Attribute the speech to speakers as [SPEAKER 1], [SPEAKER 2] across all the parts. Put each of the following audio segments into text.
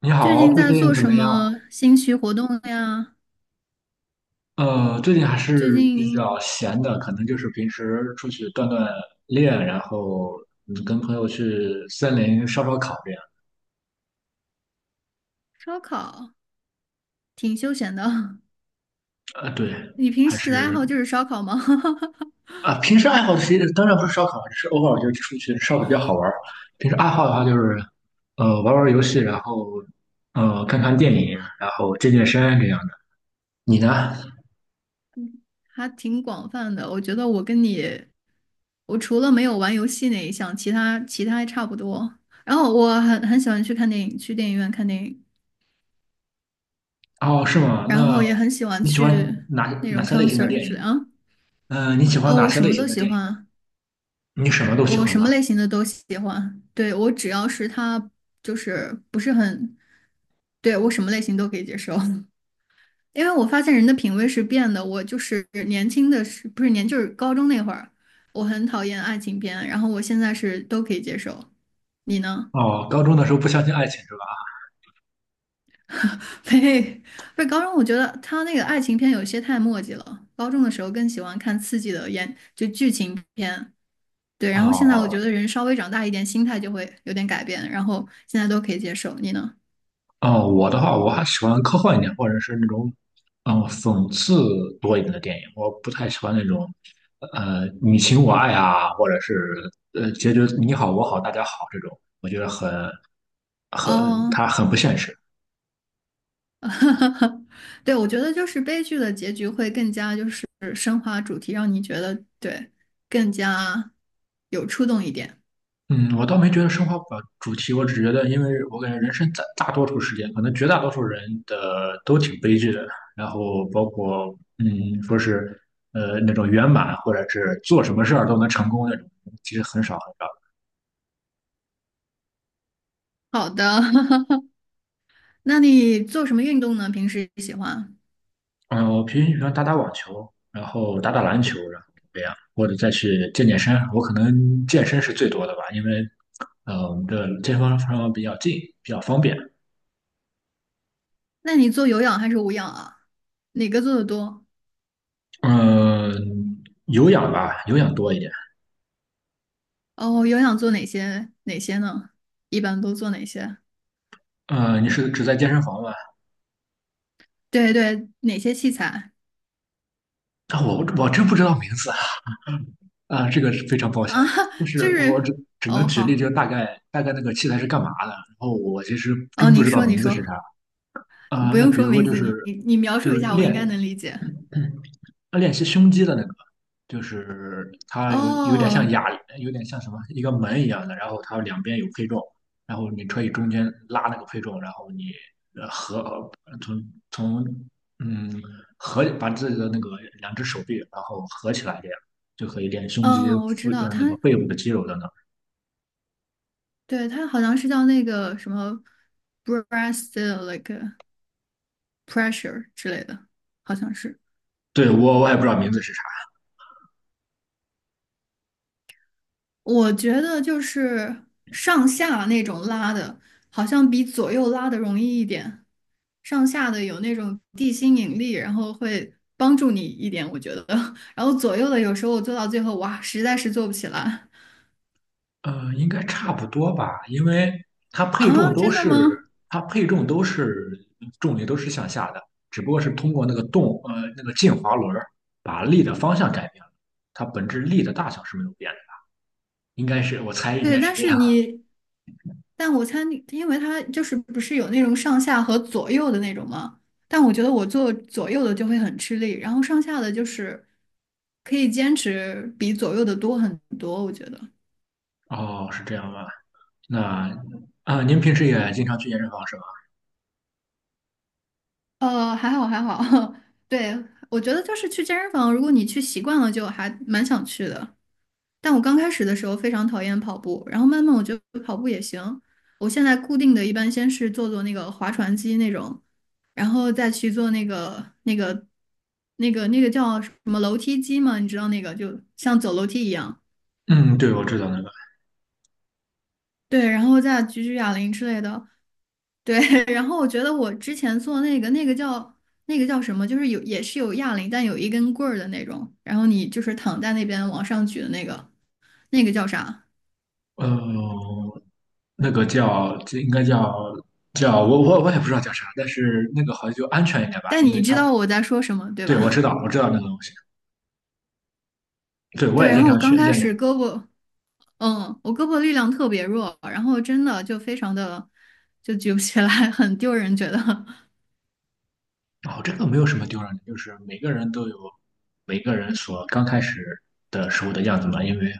[SPEAKER 1] 你
[SPEAKER 2] 最
[SPEAKER 1] 好，
[SPEAKER 2] 近
[SPEAKER 1] 最
[SPEAKER 2] 在
[SPEAKER 1] 近
[SPEAKER 2] 做
[SPEAKER 1] 怎
[SPEAKER 2] 什
[SPEAKER 1] 么样？
[SPEAKER 2] 么兴趣活动呀？
[SPEAKER 1] 最近还
[SPEAKER 2] 最
[SPEAKER 1] 是比
[SPEAKER 2] 近
[SPEAKER 1] 较闲的，可能就是平时出去锻炼，然后跟朋友去森林烧烤这样。
[SPEAKER 2] 烧烤挺休闲的。
[SPEAKER 1] 对，
[SPEAKER 2] 你平
[SPEAKER 1] 还
[SPEAKER 2] 时的爱
[SPEAKER 1] 是
[SPEAKER 2] 好就是烧烤吗？
[SPEAKER 1] 啊，平时爱好其实当然不是烧烤，只是偶尔就出去烧烤比较好玩儿。平时爱好的话就是，玩玩游戏，然后看看电影，然后健身这样的。你呢？
[SPEAKER 2] 还挺广泛的。我觉得我跟你，我除了没有玩游戏那一项，其他还差不多。然后我很喜欢去看电影，去电影院看电影，
[SPEAKER 1] 哦，是吗？
[SPEAKER 2] 然
[SPEAKER 1] 那
[SPEAKER 2] 后也很喜欢
[SPEAKER 1] 你喜欢
[SPEAKER 2] 去
[SPEAKER 1] 哪
[SPEAKER 2] 那
[SPEAKER 1] 哪
[SPEAKER 2] 种
[SPEAKER 1] 些类型的
[SPEAKER 2] concert
[SPEAKER 1] 电影
[SPEAKER 2] 之类
[SPEAKER 1] 呢？
[SPEAKER 2] 啊。
[SPEAKER 1] 嗯，你喜欢
[SPEAKER 2] 哦，
[SPEAKER 1] 哪
[SPEAKER 2] 我
[SPEAKER 1] 些
[SPEAKER 2] 什
[SPEAKER 1] 类
[SPEAKER 2] 么
[SPEAKER 1] 型
[SPEAKER 2] 都
[SPEAKER 1] 的
[SPEAKER 2] 喜
[SPEAKER 1] 电影呢？
[SPEAKER 2] 欢。
[SPEAKER 1] 你什么都喜
[SPEAKER 2] 我
[SPEAKER 1] 欢
[SPEAKER 2] 什
[SPEAKER 1] 吧？
[SPEAKER 2] 么类型的都喜欢，对，我只要是他就是不是很，对，我什么类型都可以接受，因为我发现人的品味是变的。我就是年轻的时，不是年，就是高中那会儿，我很讨厌爱情片，然后我现在是都可以接受。你呢？
[SPEAKER 1] 哦，高中的时候不相信爱情是吧？
[SPEAKER 2] 呸，不是高中，我觉得他那个爱情片有些太墨迹了。高中的时候更喜欢看刺激的演，就剧情片。对，然后现在我
[SPEAKER 1] 哦
[SPEAKER 2] 觉得人稍微长大一点，心态就会有点改变，然后现在都可以接受。你呢？
[SPEAKER 1] 哦，我的话我还喜欢科幻一点，或者是那种讽刺多一点的电影。我不太喜欢那种你情我爱啊，或者是结局你好我好大家好这种，我觉得它
[SPEAKER 2] 哦，
[SPEAKER 1] 很不现实。
[SPEAKER 2] 对，我觉得就是悲剧的结局会更加就是升华主题，让你觉得对更加有触动一点。
[SPEAKER 1] 嗯，我倒没觉得升华不了主题，我只觉得，因为我感觉人生大多数时间，可能绝大多数人的都挺悲剧的，然后包括说是那种圆满，或者是做什么事儿都能成功那种，其实很少很少。
[SPEAKER 2] 好的，那你做什么运动呢？平时喜欢？
[SPEAKER 1] 嗯，我平时喜欢打打网球，然后打打篮球，然后这样，或者再去健身。我可能健身是最多的吧，因为我们的健身房比较近，比较方便。
[SPEAKER 2] 那你做有氧还是无氧啊？哪个做的多？
[SPEAKER 1] 嗯，有氧吧，有氧多一点。
[SPEAKER 2] 哦，有氧做哪些呢？一般都做哪些？
[SPEAKER 1] 你是只在健身房吗？
[SPEAKER 2] 对对，哪些器材？
[SPEAKER 1] 啊，我真不知道名字啊，啊，这个是非常抱
[SPEAKER 2] 啊，
[SPEAKER 1] 歉。就
[SPEAKER 2] 就
[SPEAKER 1] 是我只
[SPEAKER 2] 是
[SPEAKER 1] 只能
[SPEAKER 2] 哦，
[SPEAKER 1] 举例，就
[SPEAKER 2] 好
[SPEAKER 1] 大概那个器材是干嘛的，然后我其实
[SPEAKER 2] 哦，
[SPEAKER 1] 真不
[SPEAKER 2] 你
[SPEAKER 1] 知道
[SPEAKER 2] 说你
[SPEAKER 1] 名字是啥。
[SPEAKER 2] 说，你
[SPEAKER 1] 啊，
[SPEAKER 2] 不
[SPEAKER 1] 那
[SPEAKER 2] 用
[SPEAKER 1] 比
[SPEAKER 2] 说
[SPEAKER 1] 如说
[SPEAKER 2] 名
[SPEAKER 1] 就
[SPEAKER 2] 字，
[SPEAKER 1] 是
[SPEAKER 2] 你描
[SPEAKER 1] 就
[SPEAKER 2] 述
[SPEAKER 1] 是
[SPEAKER 2] 一下，我应
[SPEAKER 1] 练。
[SPEAKER 2] 该能理解。
[SPEAKER 1] 练习胸肌的那个，就是它有点像
[SPEAKER 2] 哦，
[SPEAKER 1] 哑铃，有点像什么一个门一样的，然后它两边有配重，然后你可以中间拉那个配重，然后你呃合从从嗯合把自己的那个两只手臂然后合起来，这样就可以练胸肌，
[SPEAKER 2] 嗯，我知道，
[SPEAKER 1] 那个
[SPEAKER 2] 他
[SPEAKER 1] 背部的肌肉等等。
[SPEAKER 2] 对他好像是叫那个什么 breast like pressure 之类的，好像是。
[SPEAKER 1] 对，我也不知道名字是啥。
[SPEAKER 2] 我觉得就是上下那种拉的，好像比左右拉的容易一点。上下的有那种地心引力，然后会帮助你一点，我觉得。然后左右的有时候我做到最后，哇，实在是做不起来
[SPEAKER 1] 应该差不多吧，因为它配重
[SPEAKER 2] 啊！
[SPEAKER 1] 都
[SPEAKER 2] 真的
[SPEAKER 1] 是
[SPEAKER 2] 吗？
[SPEAKER 1] 它配重都是重力都是向下的，只不过是通过那个动呃那个滑轮儿把力的方向改变了，它本质力的大小是没有变的，应该是我猜应
[SPEAKER 2] 对，
[SPEAKER 1] 该是
[SPEAKER 2] 但
[SPEAKER 1] 这
[SPEAKER 2] 是
[SPEAKER 1] 样。
[SPEAKER 2] 你，但我猜你，因为它就是不是有那种上下和左右的那种吗？但我觉得我做左右的就会很吃力，然后上下的就是可以坚持比左右的多很多，我觉得。
[SPEAKER 1] 哦，是这样吧？那您平时也经常去健身房是吧？
[SPEAKER 2] 还好还好，对，我觉得就是去健身房，如果你去习惯了，就还蛮想去的。但我刚开始的时候非常讨厌跑步，然后慢慢我觉得跑步也行。我现在固定的一般先是做做那个划船机那种，然后再去做那个叫什么楼梯机嘛，你知道那个就像走楼梯一样。
[SPEAKER 1] 嗯，对，我知道那个，
[SPEAKER 2] 对，然后再举举哑铃之类的。对，然后我觉得我之前做那个叫那个叫什么，就是有也是有哑铃，但有一根棍儿的那种，然后你就是躺在那边往上举的那个，那个叫啥？
[SPEAKER 1] 呃，那个叫这应该叫我也不知道叫啥，但是那个好像就安全一点吧，
[SPEAKER 2] 但
[SPEAKER 1] 因为
[SPEAKER 2] 你知
[SPEAKER 1] 它
[SPEAKER 2] 道我在说什么，对
[SPEAKER 1] 对我知
[SPEAKER 2] 吧？
[SPEAKER 1] 道我知道那个东西。对，我
[SPEAKER 2] 对，
[SPEAKER 1] 也
[SPEAKER 2] 然
[SPEAKER 1] 经
[SPEAKER 2] 后我
[SPEAKER 1] 常去
[SPEAKER 2] 刚开
[SPEAKER 1] 练这
[SPEAKER 2] 始
[SPEAKER 1] 个。
[SPEAKER 2] 胳膊，嗯，我胳膊力量特别弱，然后真的就非常的就举不起来，很丢人，觉得。
[SPEAKER 1] 哦，这个没有什么丢人的，就是每个人都有每个人所刚开始的时候的样子嘛。因为，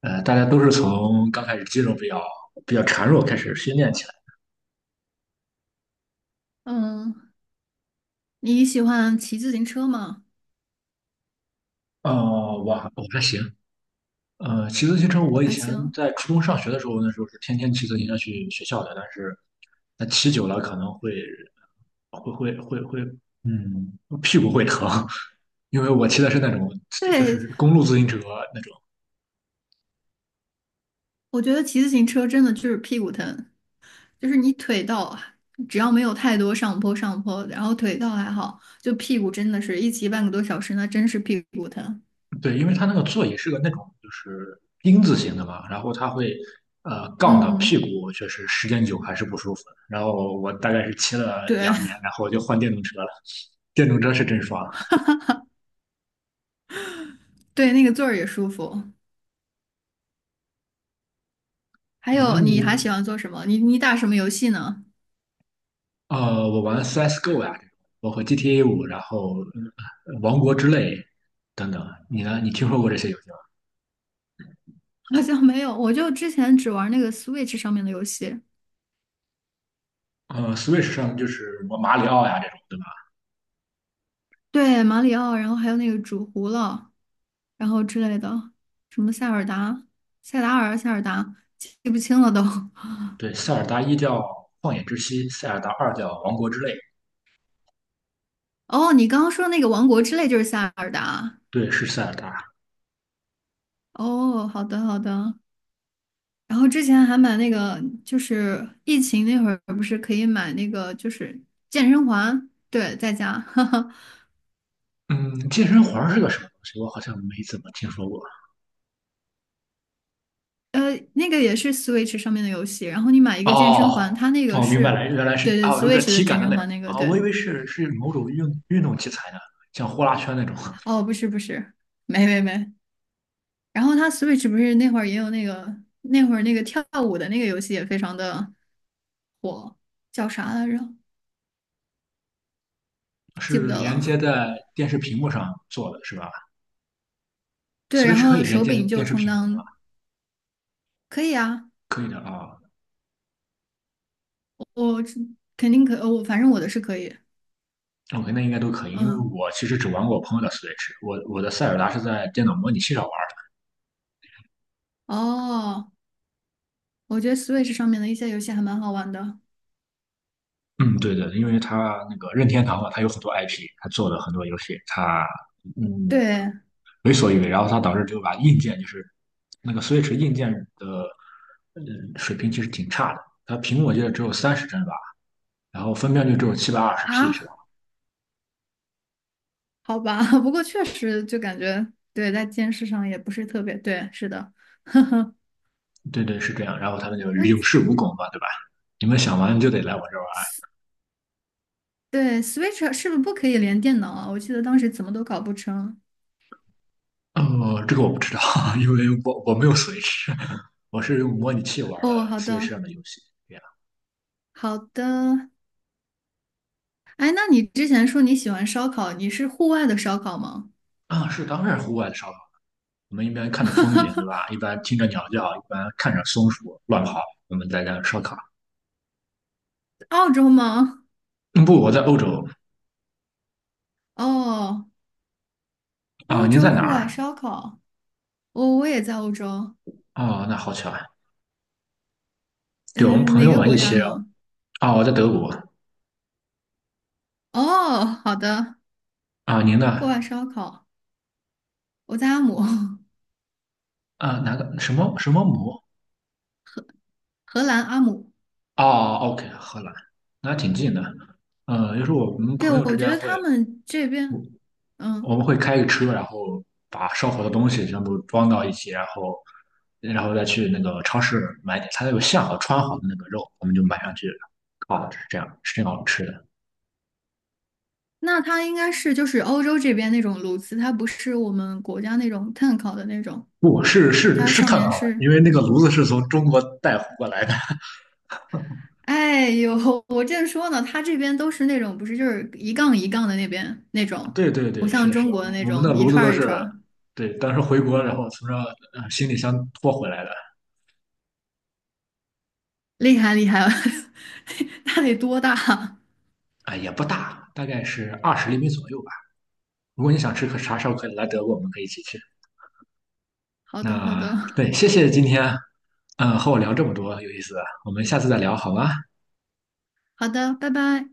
[SPEAKER 1] 大家都是从刚开始肌肉比较孱弱开始训练起来。
[SPEAKER 2] 嗯，你喜欢骑自行车吗？
[SPEAKER 1] 哦，我还行。骑自行车，我以
[SPEAKER 2] 还
[SPEAKER 1] 前
[SPEAKER 2] 行。
[SPEAKER 1] 在初中上学的时候，那时候是天天骑自行车去学校的，但是那骑久了可能会，屁股会疼，因为我骑的是那种就
[SPEAKER 2] 对，
[SPEAKER 1] 是公路自行车那种
[SPEAKER 2] 我觉得骑自行车真的就是屁股疼，就是你腿倒，只要没有太多上坡，然后腿倒还好，就屁股真的是一骑半个多小时，那真是屁股疼。
[SPEAKER 1] 对，因为它那个座椅是个那种就是丁字形的嘛，然后它会杠到屁
[SPEAKER 2] 嗯，
[SPEAKER 1] 股，确实时间久还是不舒服。然后我大概是骑了
[SPEAKER 2] 对
[SPEAKER 1] 2年，然后我就换电动车了。电动车是真爽。
[SPEAKER 2] 对，那个座儿也舒服。还
[SPEAKER 1] 对，那
[SPEAKER 2] 有，
[SPEAKER 1] 你
[SPEAKER 2] 你还喜欢做什么？你打什么游戏呢？
[SPEAKER 1] 我玩 CS:GO 呀、这种，包括 GTA5，然后王国之泪等等，你呢？你听说过这些游戏吗？
[SPEAKER 2] 好像没有，我就之前只玩那个 Switch 上面的游戏，
[SPEAKER 1] Switch 上就是什么马里奥呀这种，对吧？
[SPEAKER 2] 对，马里奥，然后还有那个煮糊了，然后之类的，什么塞尔达、塞达尔、塞尔达，记不清了都。
[SPEAKER 1] 对，塞尔达一叫旷野之息，塞尔达二叫王国之泪，
[SPEAKER 2] 哦，你刚刚说那个王国之泪就是塞尔达。
[SPEAKER 1] 对，是塞尔达。
[SPEAKER 2] 哦，好的好的。然后之前还买那个，就是疫情那会儿不是可以买那个，就是健身环，对，在家。
[SPEAKER 1] 嗯，健身环儿是个什么东西？我好像没怎么听说过。
[SPEAKER 2] 呃，那个也是 Switch 上面的游戏，然后你买一个健身
[SPEAKER 1] 哦，
[SPEAKER 2] 环，它那个
[SPEAKER 1] 哦，明白了，
[SPEAKER 2] 是，
[SPEAKER 1] 原来是
[SPEAKER 2] 对
[SPEAKER 1] 啊，
[SPEAKER 2] 对
[SPEAKER 1] 有点
[SPEAKER 2] ，Switch 的
[SPEAKER 1] 体感
[SPEAKER 2] 健
[SPEAKER 1] 的
[SPEAKER 2] 身
[SPEAKER 1] 那种
[SPEAKER 2] 环那个，
[SPEAKER 1] 啊，
[SPEAKER 2] 对，
[SPEAKER 1] 我以为是是某种运动器材呢，像呼啦圈那种，
[SPEAKER 2] 哦，不是不是，没没没，然后它 Switch 不是那会儿也有那个那会儿那个跳舞的那个游戏也非常的火，叫啥来着？记不
[SPEAKER 1] 是
[SPEAKER 2] 得
[SPEAKER 1] 连接
[SPEAKER 2] 了。
[SPEAKER 1] 在电视屏幕上做的，是吧
[SPEAKER 2] 对，然
[SPEAKER 1] ？Switch 可以
[SPEAKER 2] 后
[SPEAKER 1] 连
[SPEAKER 2] 手
[SPEAKER 1] 接
[SPEAKER 2] 柄就
[SPEAKER 1] 电视
[SPEAKER 2] 充
[SPEAKER 1] 屏幕吗？
[SPEAKER 2] 当可以啊，
[SPEAKER 1] 可以的啊
[SPEAKER 2] 我肯定可,我反正我的是可以，
[SPEAKER 1] ，OK，那应该都可以，因为
[SPEAKER 2] 嗯，
[SPEAKER 1] 我其实只玩过我朋友的 Switch，我的塞尔达是在电脑模拟器上玩儿。
[SPEAKER 2] 哦，我觉得 Switch 上面的一些游戏还蛮好玩的，
[SPEAKER 1] 嗯，对的，因为它那个任天堂嘛，它有很多 IP，它做了很多游戏，它。嗯，
[SPEAKER 2] 对
[SPEAKER 1] 为所欲为，然后它导致就把硬件就是那个 Switch 硬件的嗯，水平其实挺差的，它屏幕我记得只有30帧吧，然后分辨率只有720P 是吧？
[SPEAKER 2] 啊，好吧，不过确实就感觉对，在电视上也不是特别对，是的，
[SPEAKER 1] 对对是这样，然后他们就有恃无恐嘛，对吧？你们想玩就得来我这
[SPEAKER 2] 对，Switch 是不是不可以连电脑啊？我记得当时怎么都搞不成。
[SPEAKER 1] 玩，这个我不知道，因为我没有 Switch，我是用模拟器玩的
[SPEAKER 2] 哦，好
[SPEAKER 1] Switch
[SPEAKER 2] 的，
[SPEAKER 1] 上的游戏，这样
[SPEAKER 2] 好的。哎，那你之前说你喜欢烧烤，你是户外的烧烤吗？
[SPEAKER 1] 啊是当然户外的烧烤，我们一边看着风景对吧？一边听着鸟叫，一边看着松鼠乱跑，我们在那烧烤。
[SPEAKER 2] 澳洲吗？
[SPEAKER 1] 嗯，不，我在欧洲，
[SPEAKER 2] 哦，
[SPEAKER 1] 啊，
[SPEAKER 2] 欧
[SPEAKER 1] 您在
[SPEAKER 2] 洲
[SPEAKER 1] 哪
[SPEAKER 2] 户外
[SPEAKER 1] 儿？
[SPEAKER 2] 烧烤。哦，我也在欧洲。
[SPEAKER 1] 哦，那好巧啊！对，我们
[SPEAKER 2] 嗯，
[SPEAKER 1] 朋
[SPEAKER 2] 哪
[SPEAKER 1] 友
[SPEAKER 2] 个
[SPEAKER 1] 们一
[SPEAKER 2] 国家
[SPEAKER 1] 起。哦，
[SPEAKER 2] 呢？
[SPEAKER 1] 我在德国。
[SPEAKER 2] 哦，好的，
[SPEAKER 1] 啊，您
[SPEAKER 2] 户
[SPEAKER 1] 呢？
[SPEAKER 2] 外烧烤。我在阿姆，
[SPEAKER 1] 啊，哪个什么什么姆？
[SPEAKER 2] 荷兰阿姆。
[SPEAKER 1] 哦，OK，荷兰，那挺近的。就是我们
[SPEAKER 2] 对，
[SPEAKER 1] 朋友之
[SPEAKER 2] 我觉
[SPEAKER 1] 间
[SPEAKER 2] 得
[SPEAKER 1] 会，
[SPEAKER 2] 他们这边，
[SPEAKER 1] 我
[SPEAKER 2] 嗯，
[SPEAKER 1] 们会开个车，然后把烧火的东西全部装到一起，然后再去那个超市买点，它有现好穿好的那个肉，我们就买上去烤了，是这样，是这样吃的。
[SPEAKER 2] 那它应该是就是欧洲这边那种炉子，它不是我们国家那种碳烤的那种，
[SPEAKER 1] 不，是是
[SPEAKER 2] 它
[SPEAKER 1] 是
[SPEAKER 2] 上
[SPEAKER 1] 碳
[SPEAKER 2] 面
[SPEAKER 1] 烤的，因
[SPEAKER 2] 是，
[SPEAKER 1] 为那个炉子是从中国带回过来的。
[SPEAKER 2] 哎呦，我正说呢，它这边都是那种不是就是一杠一杠的那边那种，
[SPEAKER 1] 对对
[SPEAKER 2] 不
[SPEAKER 1] 对，是
[SPEAKER 2] 像
[SPEAKER 1] 的，是
[SPEAKER 2] 中
[SPEAKER 1] 的，
[SPEAKER 2] 国的那
[SPEAKER 1] 我们的
[SPEAKER 2] 种一
[SPEAKER 1] 炉子
[SPEAKER 2] 串
[SPEAKER 1] 都
[SPEAKER 2] 儿一
[SPEAKER 1] 是，
[SPEAKER 2] 串儿，
[SPEAKER 1] 对，当时回国，然后从这行李箱拖回来的，
[SPEAKER 2] 厉害厉害，它得多大？
[SPEAKER 1] 啊，也不大，大概是20厘米左右吧。如果你想吃啥时候可以来德国，我们可以一起去。
[SPEAKER 2] 好的好的
[SPEAKER 1] 那 对，谢谢今天，和我聊这么多有意思的我们下次再聊好吗？
[SPEAKER 2] 好的，拜拜。